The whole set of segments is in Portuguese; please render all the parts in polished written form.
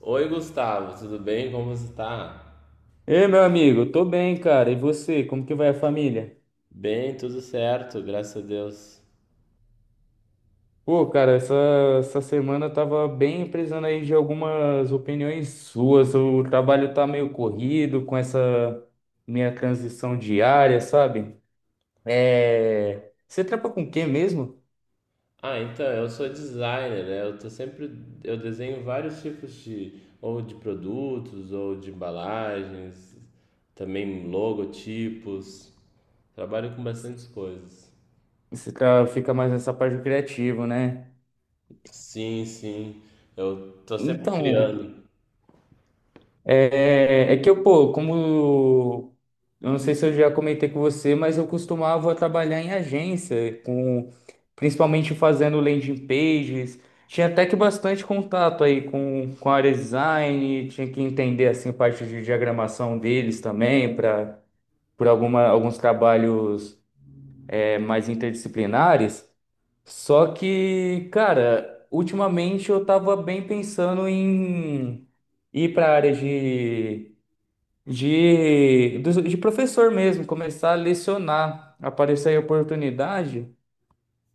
Oi, Gustavo, tudo bem? Como você tá? Ei, meu amigo, tô bem, cara. E você, como que vai a família? Bem, tudo certo, graças a Deus. Pô, cara, essa semana eu tava bem precisando aí de algumas opiniões suas. O trabalho tá meio corrido com essa minha transição diária, sabe? Você trampa com o quê mesmo? Ah, então, eu sou designer, né? Eu desenho vários tipos de, ou de produtos, ou de embalagens, também logotipos. Trabalho com bastantes coisas. Você fica mais nessa parte criativa, né? Sim, sim. Eu tô sempre Então, criando. É, é que eu, pô, como. Eu não sei se eu já comentei com você, mas eu costumava trabalhar em agência, principalmente fazendo landing pages. Tinha até que bastante contato aí com a área de design, tinha que entender assim parte de diagramação deles também, para por alguns trabalhos mais interdisciplinares. Só que, cara, ultimamente eu tava bem pensando em ir para a área de professor mesmo, começar a lecionar, aparecer aí a oportunidade.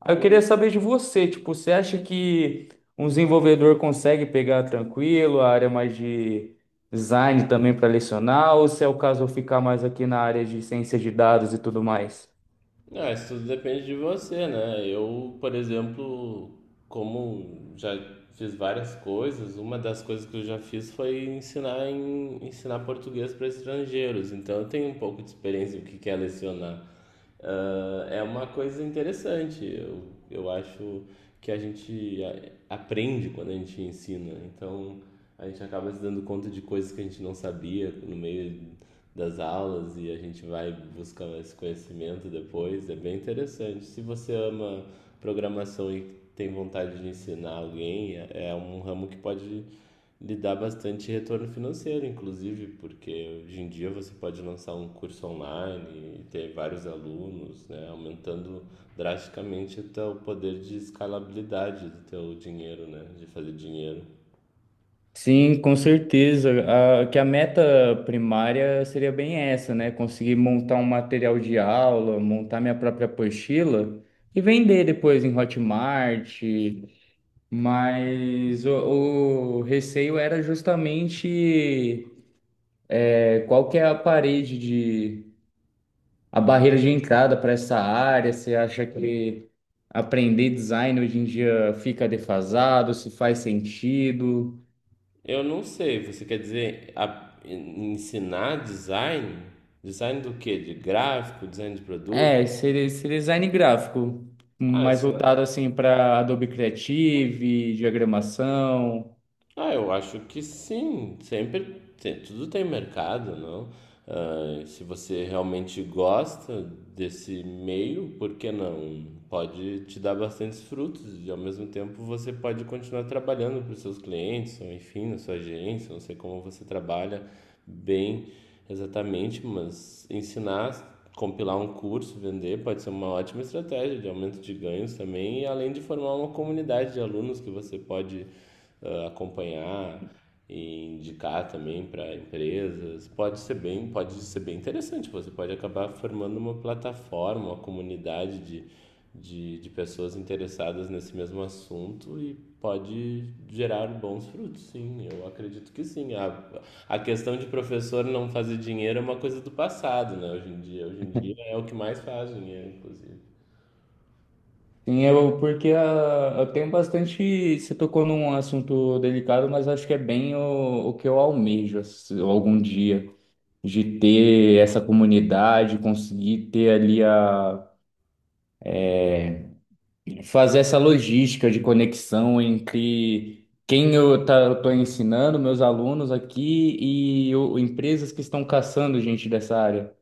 Aí eu queria saber de você, tipo, você acha que um desenvolvedor consegue pegar tranquilo a área mais de design também para lecionar, ou se é o caso eu ficar mais aqui na área de ciência de dados e tudo mais? Não, isso tudo depende de você, né? Eu, por exemplo, como já fiz várias coisas, uma das coisas que eu já fiz foi ensinar português para estrangeiros. Então, eu tenho um pouco de experiência do que é lecionar. Ah, é uma coisa interessante. Eu acho que a gente aprende quando a gente ensina. Então, a gente acaba se dando conta de coisas que a gente não sabia no meio das aulas e a gente vai buscar esse conhecimento depois. É bem interessante. Se você ama programação e tem vontade de ensinar alguém, é um ramo que pode lhe dar bastante retorno financeiro, inclusive, porque hoje em dia você pode lançar um curso online e ter vários alunos, né, aumentando drasticamente o teu poder de escalabilidade do teu dinheiro, né, de fazer dinheiro. Sim, com certeza. Que a meta primária seria bem essa, né? Conseguir montar um material de aula, montar minha própria apostila e vender depois em Hotmart. Mas o receio era justamente qual que é a barreira de entrada para essa área. Você acha que aprender design hoje em dia fica defasado? Se faz sentido? Eu não sei, você quer dizer ensinar design? Design do quê? De gráfico, design de produto? Seria esse design gráfico, Ah, mais ensinar. voltado assim para Adobe Creative, diagramação. Ah, eu acho que sim. Tudo tem mercado, não? Ah, se você realmente gosta desse meio, por que não? Pode te dar bastantes frutos e ao mesmo tempo você pode continuar trabalhando para os seus clientes, ou enfim, na sua agência, não sei como você trabalha bem exatamente, mas ensinar, compilar um curso, vender pode ser uma ótima estratégia de aumento de ganhos também, e além de formar uma comunidade de alunos que você pode acompanhar, e indicar também para empresas. Pode ser bem interessante. Você pode acabar formando uma plataforma, uma comunidade de pessoas interessadas nesse mesmo assunto e pode gerar bons frutos, sim. Eu acredito que sim. A questão de professor não fazer dinheiro é uma coisa do passado, né? Hoje em dia é o que mais faz dinheiro, inclusive. Sim, eu, porque eu tenho bastante. Você tocou num assunto delicado, mas acho que é bem o que eu almejo algum dia, de ter essa comunidade, conseguir ter ali a. fazer essa logística de conexão entre quem eu estou ensinando, meus alunos aqui e empresas que estão caçando gente dessa área.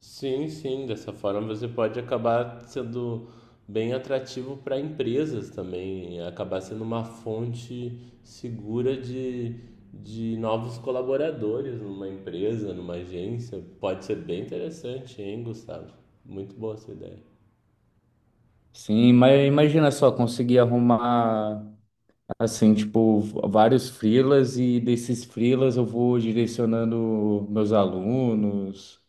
Sim, sim, dessa forma você pode acabar sendo bem atrativo para empresas também, e acabar sendo uma fonte segura de novos colaboradores numa empresa, numa agência. Pode ser bem interessante, hein, Gustavo? Muito boa essa ideia. Sim, mas imagina só, conseguir arrumar, assim, tipo, vários freelas e desses freelas eu vou direcionando meus alunos.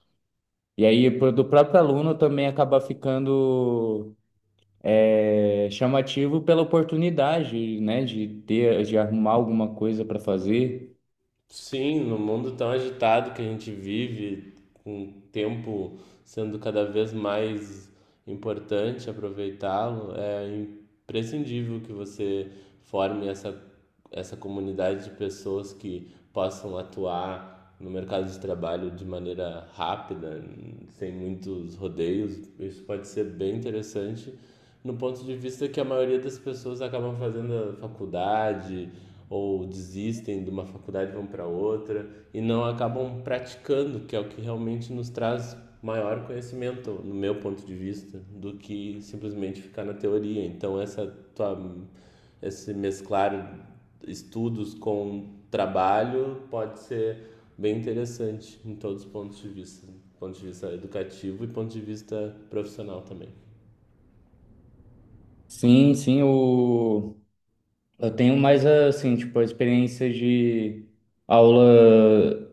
E aí, do próprio aluno também acaba ficando chamativo pela oportunidade, né, de ter, de arrumar alguma coisa para fazer. Sim, no mundo tão agitado que a gente vive, com o tempo sendo cada vez mais importante aproveitá-lo, é imprescindível que você forme essa comunidade de pessoas que possam atuar no mercado de trabalho de maneira rápida, sem muitos rodeios. Isso pode ser bem interessante no ponto de vista que a maioria das pessoas acabam fazendo a faculdade ou desistem de uma faculdade e vão para outra e não acabam praticando, que é o que realmente nos traz maior conhecimento, no meu ponto de vista, do que simplesmente ficar na teoria. Então essa tua esse mesclar estudos com trabalho pode ser bem interessante em todos os pontos de vista, ponto de vista educativo e ponto de vista profissional também. Sim, sim, eu tenho mais, assim, tipo, a experiência de aula.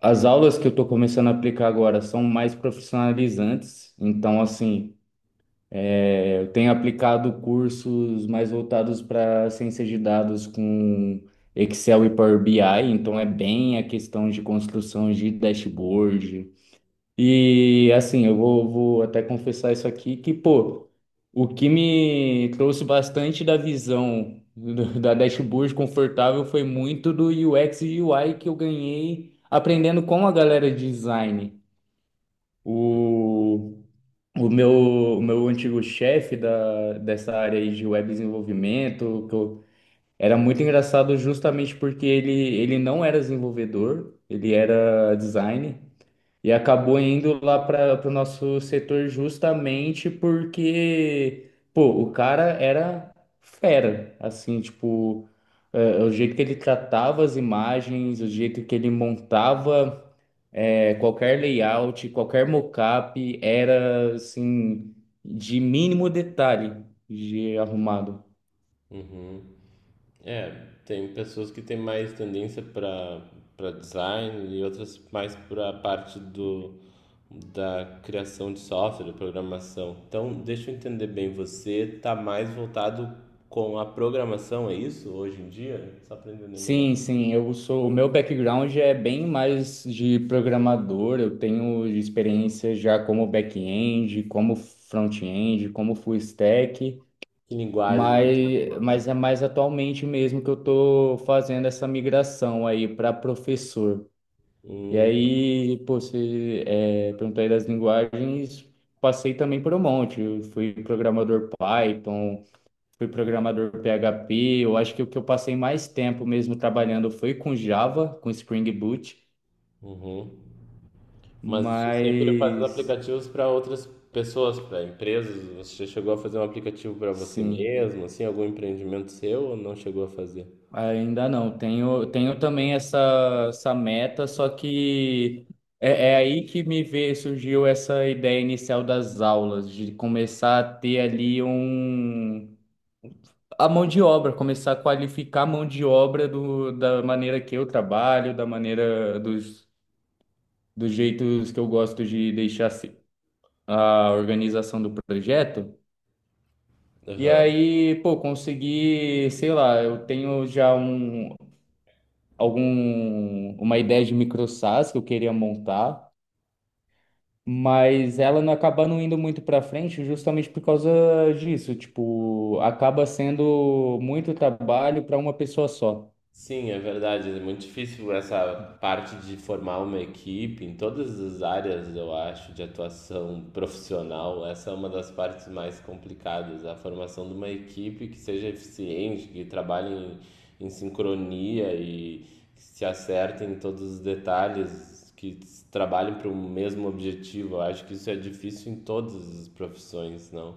As aulas que eu estou começando a aplicar agora são mais profissionalizantes, então, assim, eu tenho aplicado cursos mais voltados para ciência de dados com Excel e Power BI, então é bem a questão de construção de dashboard, e assim, vou até confessar isso aqui, que, pô, o que me trouxe bastante da visão da dashboard confortável foi muito do UX e UI que eu ganhei aprendendo com a galera de design. O, o meu, o meu antigo chefe dessa área aí de web desenvolvimento, era muito engraçado justamente porque ele não era desenvolvedor, ele era designer. E acabou indo lá para o nosso setor justamente porque, pô, o cara era fera, assim, tipo, o jeito que ele tratava as imagens, o jeito que ele montava qualquer layout, qualquer mockup, era, assim, de mínimo detalhe de arrumado. Uhum. É, tem pessoas que têm mais tendência para design e outras mais para a parte do da criação de software, da programação. Então, deixa eu entender bem, você está mais voltado com a programação, é isso, hoje em dia? Só para entender melhor. Sim, sim, eu sou, o meu background é bem mais de programador, eu tenho experiência já como back-end, como front-end, como full stack, Que linguagem você usa? mas, mas é mais atualmente mesmo que eu estou fazendo essa migração aí para professor. E Hum, aí, pô, perguntou aí das linguagens, passei também por um monte, eu fui programador Python, fui programador PHP. Eu acho que o que eu passei mais tempo mesmo trabalhando foi com Java, com Spring Boot, uhum. Mas você sempre fazendo mas aplicativos para outras pessoas, para empresas. Você já chegou a fazer um aplicativo para você sim, mesmo, assim, algum empreendimento seu ou não chegou a fazer? ainda não. Tenho também essa meta, só que é aí que surgiu essa ideia inicial das aulas, de começar a ter ali um, a mão de obra, começar a qualificar a mão de obra da maneira que eu trabalho, da maneira dos jeitos que eu gosto de deixar a organização do projeto. E Aham. aí, pô, consegui, sei lá, eu tenho já um, algum, uma ideia de micro SaaS que eu queria montar, mas ela não acaba não indo muito para frente justamente por causa disso. Tipo, acaba sendo muito trabalho para uma pessoa só. Sim, é verdade. É muito difícil essa parte de formar uma equipe em todas as áreas, eu acho, de atuação profissional. Essa é uma das partes mais complicadas, a formação de uma equipe que seja eficiente, que trabalhe em sincronia e que se acerte em todos os detalhes, que trabalhem para o mesmo objetivo. Eu acho que isso é difícil em todas as profissões, não?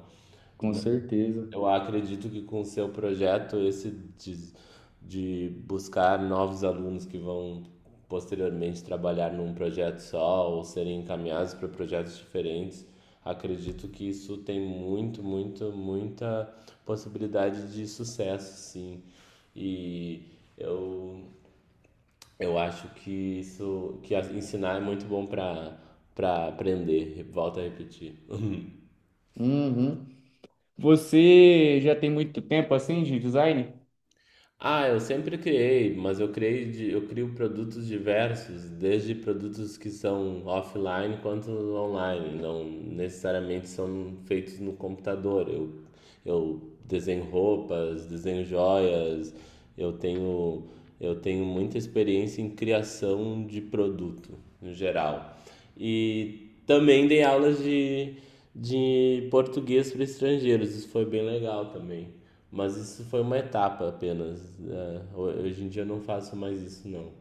Com certeza. Eu acredito que com o seu projeto, esse de, de buscar novos alunos que vão posteriormente trabalhar num projeto só ou serem encaminhados para projetos diferentes, acredito que isso tem muito, muito, muita possibilidade de sucesso, sim. E eu, eu acho que isso, que ensinar é muito bom para aprender, volto a repetir. Uhum. Você já tem muito tempo assim de design? Ah, eu sempre criei, mas eu criei eu crio produtos diversos, desde produtos que são offline quanto online, não necessariamente são feitos no computador. Eu desenho roupas, desenho joias, eu tenho, eu tenho muita experiência em criação de produto, no geral. E também dei aulas de português para estrangeiros, isso foi bem legal também. Mas isso foi uma etapa apenas, né? Hoje em dia eu não faço mais isso, não.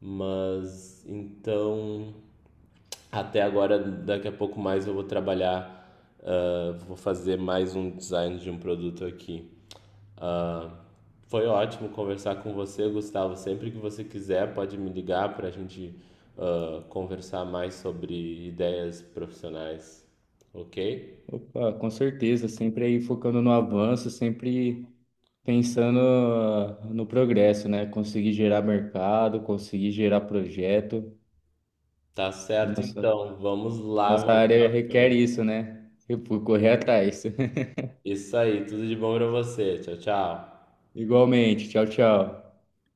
Mas então, até agora, daqui a pouco mais eu vou trabalhar, ah, vou fazer mais um design de um produto aqui. Foi ótimo conversar com você, Gustavo. Sempre que você quiser, pode me ligar para a gente conversar mais sobre ideias profissionais, ok? Opa, com certeza, sempre aí focando no avanço, sempre pensando no progresso, né? Conseguir gerar mercado, conseguir gerar projeto. Tá A certo, nossa, então. Vamos lá, Nossa vamos área para requer frente. isso, né? E por correr atrás. Isso aí, tudo de bom pra você. Tchau, tchau. Igualmente. Tchau, tchau.